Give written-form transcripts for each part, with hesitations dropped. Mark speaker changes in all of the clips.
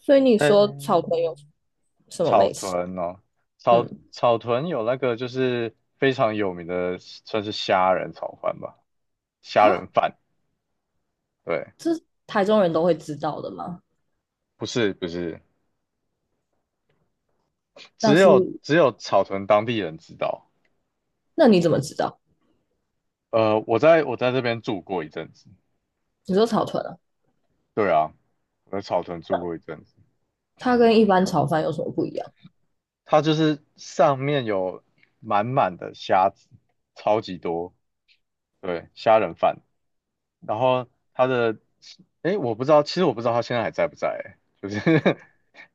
Speaker 1: 所以你说草
Speaker 2: 哎，
Speaker 1: 屯有什么
Speaker 2: 草
Speaker 1: 美食？
Speaker 2: 屯哦，草
Speaker 1: 嗯，
Speaker 2: 草屯有那个就是非常有名的，算是虾仁炒饭吧，虾仁
Speaker 1: 哈，
Speaker 2: 饭。对，
Speaker 1: 这台中人都会知道的吗？
Speaker 2: 不是，
Speaker 1: 那
Speaker 2: 只
Speaker 1: 是，
Speaker 2: 有只有草屯当地人知道。
Speaker 1: 那你
Speaker 2: 对，
Speaker 1: 怎么知道？
Speaker 2: 我在这边住过一阵子。
Speaker 1: 你说草屯啊，
Speaker 2: 对啊，我在草屯住过一阵子。
Speaker 1: 它跟一般炒饭有什么不一样？
Speaker 2: 它就是上面有满满的虾子，超级多。对，虾仁饭。然后他的，哎，我不知道，其实我不知道他现在还在不在，就是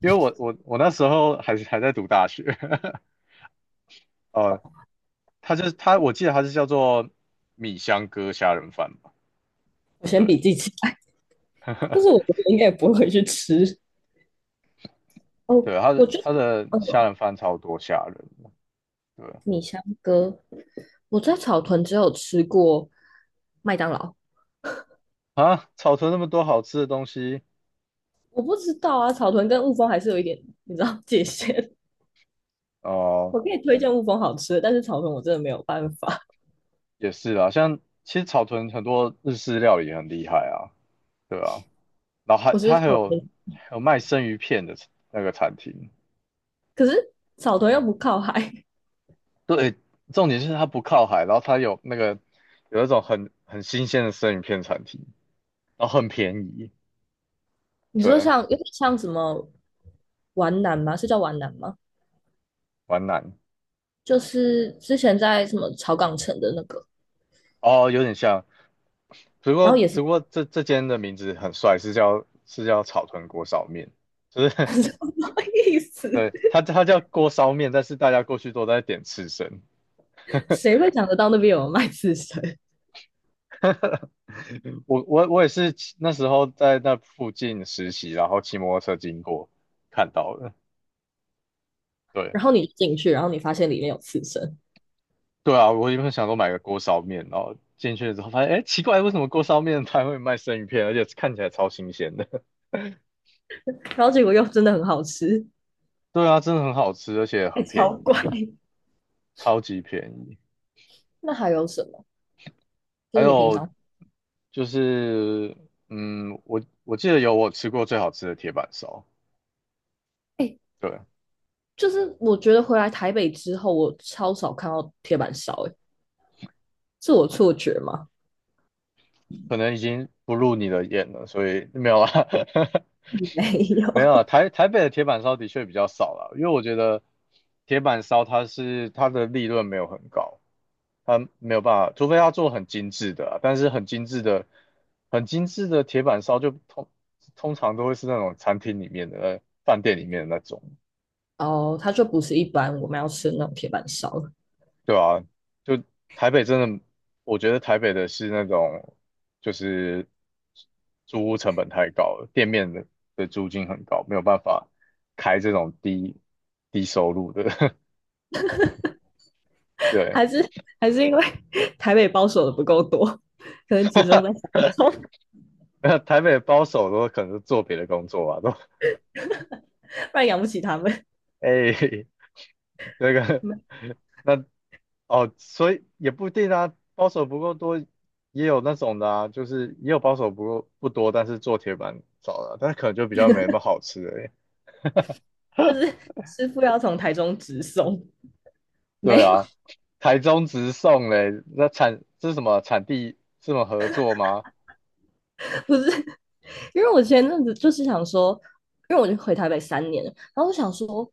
Speaker 2: 因为我那时候还在读大学，呃，他就是他，我记得他是叫做米香哥虾仁饭吧，
Speaker 1: 我先
Speaker 2: 对
Speaker 1: 笔记起来，但是我觉得应该也不会去吃。哦，
Speaker 2: 对，他
Speaker 1: 我
Speaker 2: 的
Speaker 1: 就，
Speaker 2: 他的虾
Speaker 1: 嗯，
Speaker 2: 仁饭超多虾仁，对
Speaker 1: 米香哥，我在草屯只有吃过麦当劳，
Speaker 2: 啊，草屯那么多好吃的东西，
Speaker 1: 我不知道啊，草屯跟雾峰还是有一点，你知道界限。
Speaker 2: 哦、
Speaker 1: 我可以推荐雾峰好吃的，但是草屯我真的没有办法，
Speaker 2: 也是啦，像其实草屯很多日式料理也很厉害啊，对啊，然后还
Speaker 1: 我是
Speaker 2: 他还
Speaker 1: 草
Speaker 2: 有
Speaker 1: 屯，
Speaker 2: 还有卖生鱼片的那个餐厅。
Speaker 1: 可是草屯又不靠海。
Speaker 2: 对，重点是它不靠海，然后它有那个有一种很新鲜的生鱼片产品，然后很便宜，
Speaker 1: 你说
Speaker 2: 对，
Speaker 1: 像有点像什么皖南吗？是叫皖南吗？
Speaker 2: 皖南
Speaker 1: 就是之前在什么草港城的那个，
Speaker 2: 哦，有点像，只不
Speaker 1: 然后
Speaker 2: 过
Speaker 1: 也
Speaker 2: 只
Speaker 1: 是
Speaker 2: 不过这间的名字很帅，是叫草屯锅烧面，就 是
Speaker 1: 什么意思？
Speaker 2: 对它叫锅烧面，但是大家过去都在点刺身。
Speaker 1: 谁会想得到那边有卖刺身？
Speaker 2: 我也是骑那时候在那附近实习，然后骑摩托车经过看到的，对，
Speaker 1: 然后你进去，然后你发现里面有刺身，
Speaker 2: 对啊，我原本想说买个锅烧面，然后进去之后发现，哎，奇怪，为什么锅烧面摊会卖生鱼片，而且看起来超新鲜的？
Speaker 1: 然后结果又真的很好吃。
Speaker 2: 对啊，真的很好吃，而且
Speaker 1: 哎，
Speaker 2: 很便
Speaker 1: 超怪。
Speaker 2: 宜，超级便宜。
Speaker 1: 那还有什么？就
Speaker 2: 还
Speaker 1: 是你平
Speaker 2: 有
Speaker 1: 常，
Speaker 2: 就是，我记得有我吃过最好吃的铁板烧，
Speaker 1: 哎，
Speaker 2: 对，
Speaker 1: 就是我觉得回来台北之后，我超少看到铁板烧，哎，是我错觉吗？
Speaker 2: 可能已经不入你的眼了，所以没有啦。
Speaker 1: 没有，
Speaker 2: 没有啊，台北的铁板烧的确比较少了，因为我觉得铁板烧它是它的利润没有很高，它没有办法，除非它做很精致的啊但是很精致的、很精致的铁板烧通常都会是那种餐厅里面的、饭店里面的那种。
Speaker 1: 哦，它就不是一般我们要吃的那种铁板烧，
Speaker 2: 对啊，就台北真的，我觉得台北的是那种，就是租屋成本太高了，店面的租金很高，没有办法开这种低收入的。对，
Speaker 1: 还是还是因为 台北包手的不够多，可能集 中在台中，
Speaker 2: 那台北的包手都可能是做别的工作吧？都
Speaker 1: 不然养不起他们。
Speaker 2: 哎、那个那哦，所以也不一定啊，包手不够多，也有那种的啊，就是也有包手不够不多，但是做铁板烧的啊但是可能就比较没那么好吃的。
Speaker 1: 就是师傅要从台中直送，没
Speaker 2: 对
Speaker 1: 有，
Speaker 2: 啊，台中直送嘞，那产这是什么产地这么合作吗？
Speaker 1: 不是，因为我前阵子就是想说，因为我就回台北3年了，然后我想说，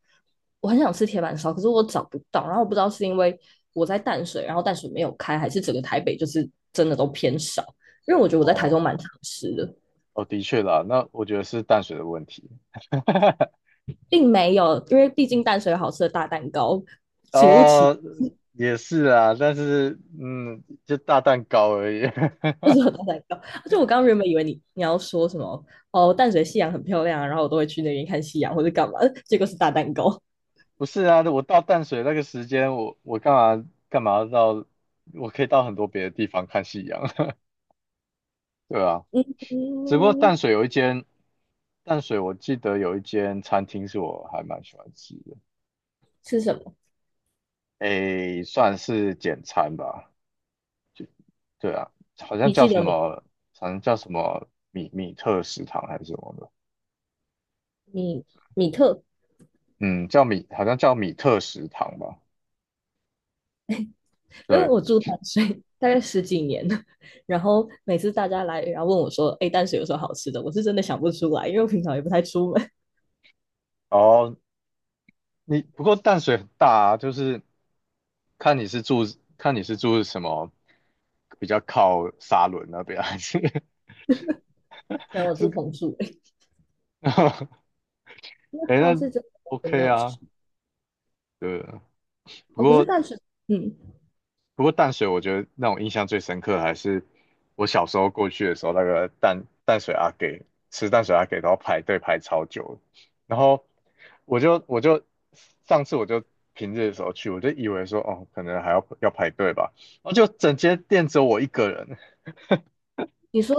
Speaker 1: 我很想吃铁板烧，可是我找不到，然后我不知道是因为我在淡水，然后淡水没有开，还是整个台北就是真的都偏少，因为我觉得我在台
Speaker 2: 哦
Speaker 1: 中蛮常吃的，
Speaker 2: 哦，的确啦，那我觉得是淡水的问题。
Speaker 1: 并没有，因为毕竟淡水有好吃的大蛋糕，请勿歧
Speaker 2: 哦，也是啊，但是嗯，就大蛋糕而已。
Speaker 1: 就是我都在搞。就我刚刚原本以为你要说什么哦，淡水夕阳很漂亮啊，然后我都会去那边看夕阳或者干嘛，结果是大蛋糕。
Speaker 2: 不是啊，我到淡水那个时间，我干嘛要到，我可以到很多别的地方看夕阳，对啊。只不过淡
Speaker 1: 嗯，
Speaker 2: 水有一间，淡水我记得有一间餐厅是我还蛮喜欢吃的，
Speaker 1: 是什么？
Speaker 2: 诶，算是简餐吧，对啊，好像
Speaker 1: 你
Speaker 2: 叫
Speaker 1: 记
Speaker 2: 什
Speaker 1: 得
Speaker 2: 么，好像叫什么米特食堂还是什么的，
Speaker 1: 米米特？
Speaker 2: 嗯，叫米，好像叫米特食堂吧，
Speaker 1: 因为
Speaker 2: 对，
Speaker 1: 我住淡水大概十几年了，然后每次大家来，然后问我说：“哎，淡水有什么好吃的？”我是真的想不出来，因为我平常也不太出门。
Speaker 2: 哦，你不过淡水很大啊，就是看你是住，看你是住什么，比较靠沙仑那边还是
Speaker 1: 然后 我住
Speaker 2: 这，
Speaker 1: 同住诶，那
Speaker 2: 哎，
Speaker 1: 倒
Speaker 2: 那
Speaker 1: 是真的完没
Speaker 2: OK
Speaker 1: 有
Speaker 2: 啊，
Speaker 1: 吃
Speaker 2: 对啊，不
Speaker 1: 哦。可是
Speaker 2: 过。
Speaker 1: 淡水，嗯，
Speaker 2: 不过淡水，我觉得让我印象最深刻的还是我小时候过去的时候，那个淡水阿给吃淡水阿给都要排队排超久的，然后我就我就上次我就平日的时候去，我就以为说哦，可能要排队吧，然后就整间店只有我一个人，
Speaker 1: 你说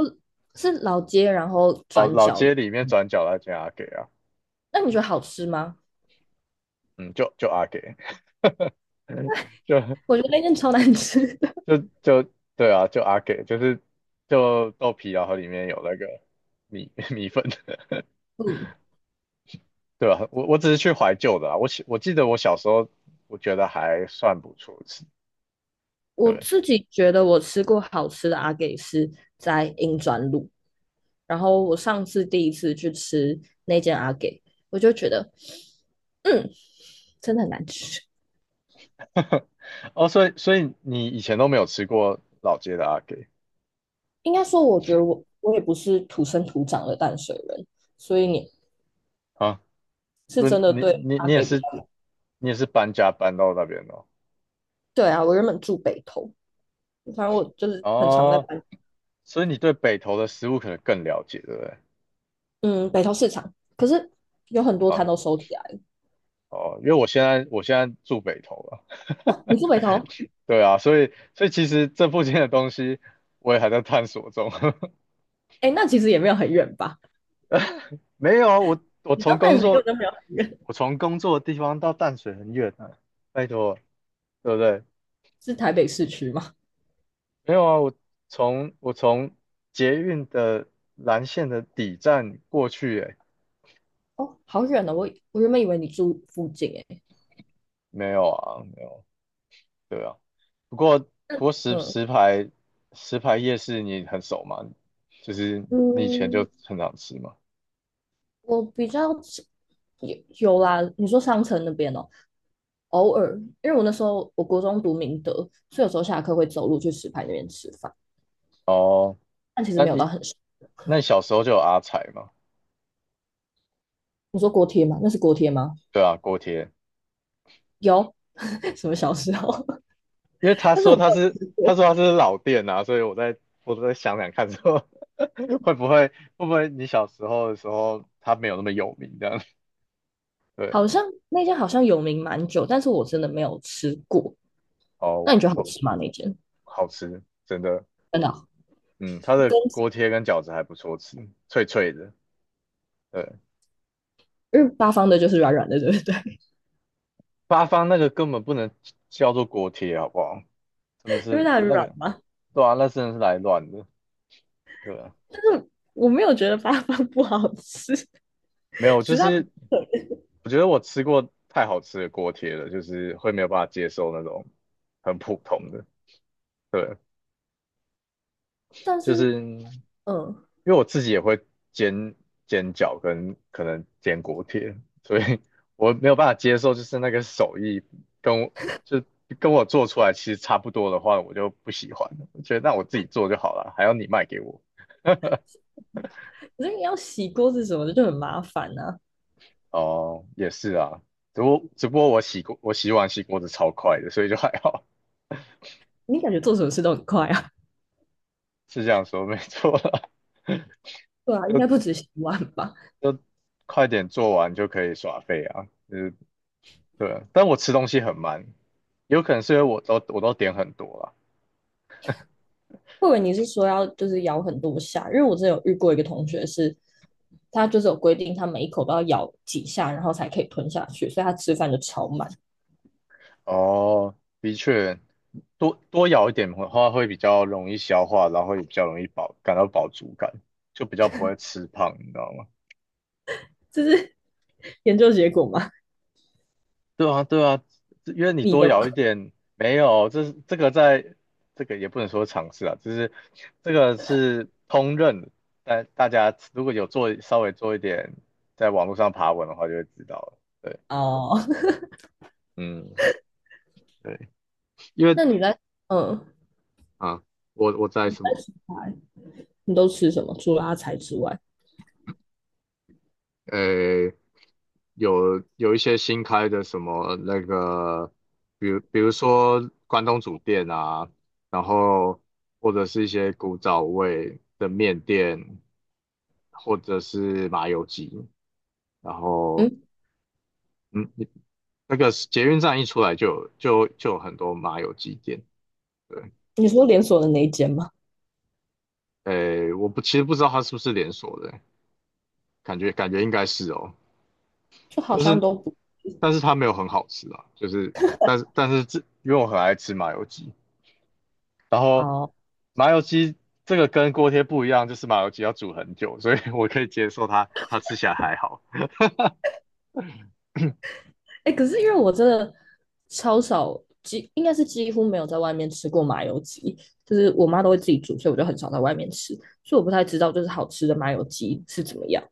Speaker 1: 是老街，然后
Speaker 2: 哦
Speaker 1: 转
Speaker 2: 老
Speaker 1: 角，
Speaker 2: 街里面转角那间阿给啊，
Speaker 1: 那你觉得好吃吗？
Speaker 2: 嗯，就阿给，就
Speaker 1: 我觉得那间超难吃的。
Speaker 2: 就就对啊，就阿给，就是豆皮，然后里面有那个米 米粉。
Speaker 1: 嗯，
Speaker 2: 对吧？我只是去怀旧的啊。我记得我小时候，我觉得还算不错吃。
Speaker 1: 我
Speaker 2: 对，
Speaker 1: 自己觉得我吃过好吃的阿给是在英专路，然后我上次第一次去吃那间阿给，我就觉得，嗯，真的很难吃。
Speaker 2: 哦，所以你以前都没有吃过老街的阿给
Speaker 1: 应该说，我觉得我也不是土生土长的淡水人，所以你
Speaker 2: 啊？
Speaker 1: 是
Speaker 2: 不是，
Speaker 1: 真的
Speaker 2: 你
Speaker 1: 对
Speaker 2: 你
Speaker 1: 阿
Speaker 2: 你也
Speaker 1: 给比
Speaker 2: 是
Speaker 1: 较
Speaker 2: 搬家搬到那边的哦。
Speaker 1: 对啊。我原本住北投，反正我就是很常在
Speaker 2: 哦，
Speaker 1: 搬，
Speaker 2: 所以你对北投的食物可能更了解，对不对？
Speaker 1: 嗯，北投市场，可是有很多摊
Speaker 2: 啊，
Speaker 1: 都收起来了。
Speaker 2: 哦，因为我现在住北投了。
Speaker 1: 啊你住北投？
Speaker 2: 对啊，所以其实这附近的东西我也还在探索中。
Speaker 1: 哎，那其实也没有很远吧？
Speaker 2: 没有啊，
Speaker 1: 你知道淡水根本就没有很远，
Speaker 2: 我从工作的地方到淡水很远啊，拜托啊，对不对？
Speaker 1: 是台北市区吗？
Speaker 2: 没有啊，我从捷运的蓝线的底站过去，诶，
Speaker 1: 哦，好远哦！我原本以为你住附近诶。
Speaker 2: 没有啊，没有，对啊。不过
Speaker 1: 嗯
Speaker 2: 石牌夜市你很熟吗？就是你以前
Speaker 1: 嗯，
Speaker 2: 就很常吃嘛。
Speaker 1: 我比较有啦。你说商城那边哦，偶尔，因为我那时候我国中读明德，所以有时候下课会走路去石牌那边吃饭，
Speaker 2: 哦，
Speaker 1: 但其实
Speaker 2: 那
Speaker 1: 没有到
Speaker 2: 你
Speaker 1: 很熟。
Speaker 2: 那你小时候就有阿财吗？
Speaker 1: 你说锅贴吗？那是锅贴吗？
Speaker 2: 对啊，锅贴。
Speaker 1: 有，什么小时候？
Speaker 2: 因为
Speaker 1: 但是我没有吃
Speaker 2: 他
Speaker 1: 过，
Speaker 2: 说他是老店啊，所以我在想想看说 会不会会不会你小时候的时候他没有那么有名这样？对，
Speaker 1: 好像那间好像有名蛮久，但是我真的没有吃过。
Speaker 2: 哦，
Speaker 1: 那你觉得好
Speaker 2: 我
Speaker 1: 吃吗？那间
Speaker 2: 好吃，真的，
Speaker 1: 真的？
Speaker 2: 嗯，他的
Speaker 1: 跟
Speaker 2: 锅贴跟饺子还不错吃，脆脆的，对，
Speaker 1: 因为八方的就是软软的，对不对？
Speaker 2: 八方那个根本不能叫做锅贴好不好？真的
Speaker 1: 因为
Speaker 2: 是
Speaker 1: 它很
Speaker 2: 那
Speaker 1: 软
Speaker 2: 个，
Speaker 1: 嘛。
Speaker 2: 对啊，那真的是来乱的，对啊，
Speaker 1: 但是我没有觉得八方不好吃，
Speaker 2: 没有，
Speaker 1: 只
Speaker 2: 就
Speaker 1: 是它
Speaker 2: 是我觉得我吃过太好吃的锅贴了，就是会没有办法接受那种很普通的。对，
Speaker 1: 但
Speaker 2: 就
Speaker 1: 是
Speaker 2: 是
Speaker 1: 嗯，
Speaker 2: 因为我自己也会煎煎饺跟可能煎锅贴，所以我没有办法接受，就是那个手艺跟我就跟我做出来其实差不多的话，我就不喜欢了。我觉得那我自己做就好了，还要你卖给我。
Speaker 1: 可是你要洗锅子什么的就很麻烦啊。
Speaker 2: 哦，也是啊，只不过我洗碗洗锅子超快的，所以就还好，
Speaker 1: 你感觉做什么事都很快啊？
Speaker 2: 是这样说没错啦。
Speaker 1: 对啊，应
Speaker 2: 就
Speaker 1: 该不止洗碗吧？
Speaker 2: 就快点做完就可以耍废啊，就是对，但我吃东西很慢，有可能是因为我都点很多啦。
Speaker 1: 或者你是说要就是咬很多下？因为我之前有遇过一个同学是，他就是有规定，他每一口都要咬几下，然后才可以吞下去，所以他吃饭就超慢。
Speaker 2: 哦，的确，多多咬一点的话会比较容易消化，然后也比较容易饱，感到饱足感，就比较不会吃胖，你知道吗？
Speaker 1: 这是 研究结果吗？
Speaker 2: 对啊，因为你
Speaker 1: 你
Speaker 2: 多
Speaker 1: 的
Speaker 2: 咬一点，没有，这是这个在这个也不能说尝试啊，就是这个是通认的但大家如果有稍微做一点在网络上爬文的话，就会知道了。对，
Speaker 1: 哦，
Speaker 2: 嗯，对。因 为
Speaker 1: 那你在嗯，
Speaker 2: 啊，我在什
Speaker 1: 在
Speaker 2: 么？
Speaker 1: 洗块，你都吃什么？除了阿财之外，
Speaker 2: 呃，有一些新开的什么那个，比如说关东煮店啊，然后或者是一些古早味的面店，或者是麻油鸡，然后
Speaker 1: 嗯，
Speaker 2: 嗯，你那个捷运站一出来就有很多麻油鸡店，对，
Speaker 1: 你说连锁的那一间吗？
Speaker 2: 我不其实不知道它是不是连锁的，感觉应该是哦。
Speaker 1: 就好
Speaker 2: 但
Speaker 1: 像
Speaker 2: 是
Speaker 1: 都不，
Speaker 2: 但是它没有很好吃啊，就是但是因为我很爱吃麻油鸡，然后
Speaker 1: 哦，
Speaker 2: 麻油鸡这个跟锅贴不一样，就是麻油鸡要煮很久，所以我可以接受它吃起来还好。
Speaker 1: 哎，欸可是因为我真的超少，应该是几乎没有在外面吃过麻油鸡，就是我妈都会自己煮，所以我就很少在外面吃，所以我不太知道就是好吃的麻油鸡是怎么样。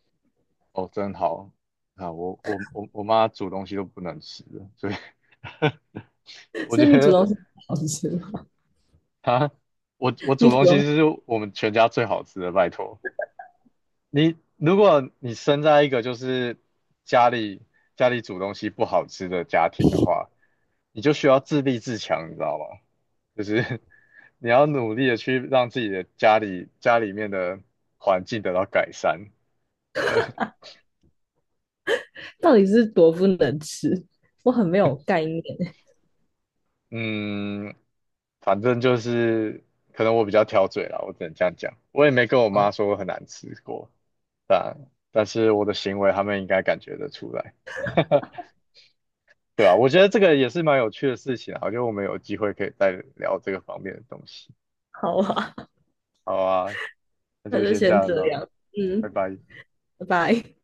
Speaker 2: 哦，真好啊！我妈煮东西都不能吃的，所以 我
Speaker 1: 所
Speaker 2: 觉
Speaker 1: 以你煮
Speaker 2: 得
Speaker 1: 东西好吃吗？
Speaker 2: 她我
Speaker 1: 你
Speaker 2: 煮
Speaker 1: 煮
Speaker 2: 东西
Speaker 1: 东西
Speaker 2: 是我们全家最好吃的，拜托。你如果你生在一个就是家里家里煮东西不好吃的家庭的话，你就需要自立自强，你知道吗？就是 你要努力的去让自己的家里面的环境得到改善。
Speaker 1: 到底是多不能吃？我很没有概念。
Speaker 2: 嗯，反正就是可能我比较挑嘴啦，我只能这样讲。我也没跟我妈
Speaker 1: 哦，
Speaker 2: 说我很难吃过，但但是我的行为他们应该感觉得出来。对啊，我觉得这个也是蛮有趣的事情啊，我觉得我们有机会可以再聊这个方面的东西。
Speaker 1: 好啊，
Speaker 2: 好啊，那
Speaker 1: 那
Speaker 2: 就
Speaker 1: 就
Speaker 2: 先这
Speaker 1: 先
Speaker 2: 样
Speaker 1: 这
Speaker 2: 了，
Speaker 1: 样，嗯，
Speaker 2: 拜拜。
Speaker 1: 拜拜。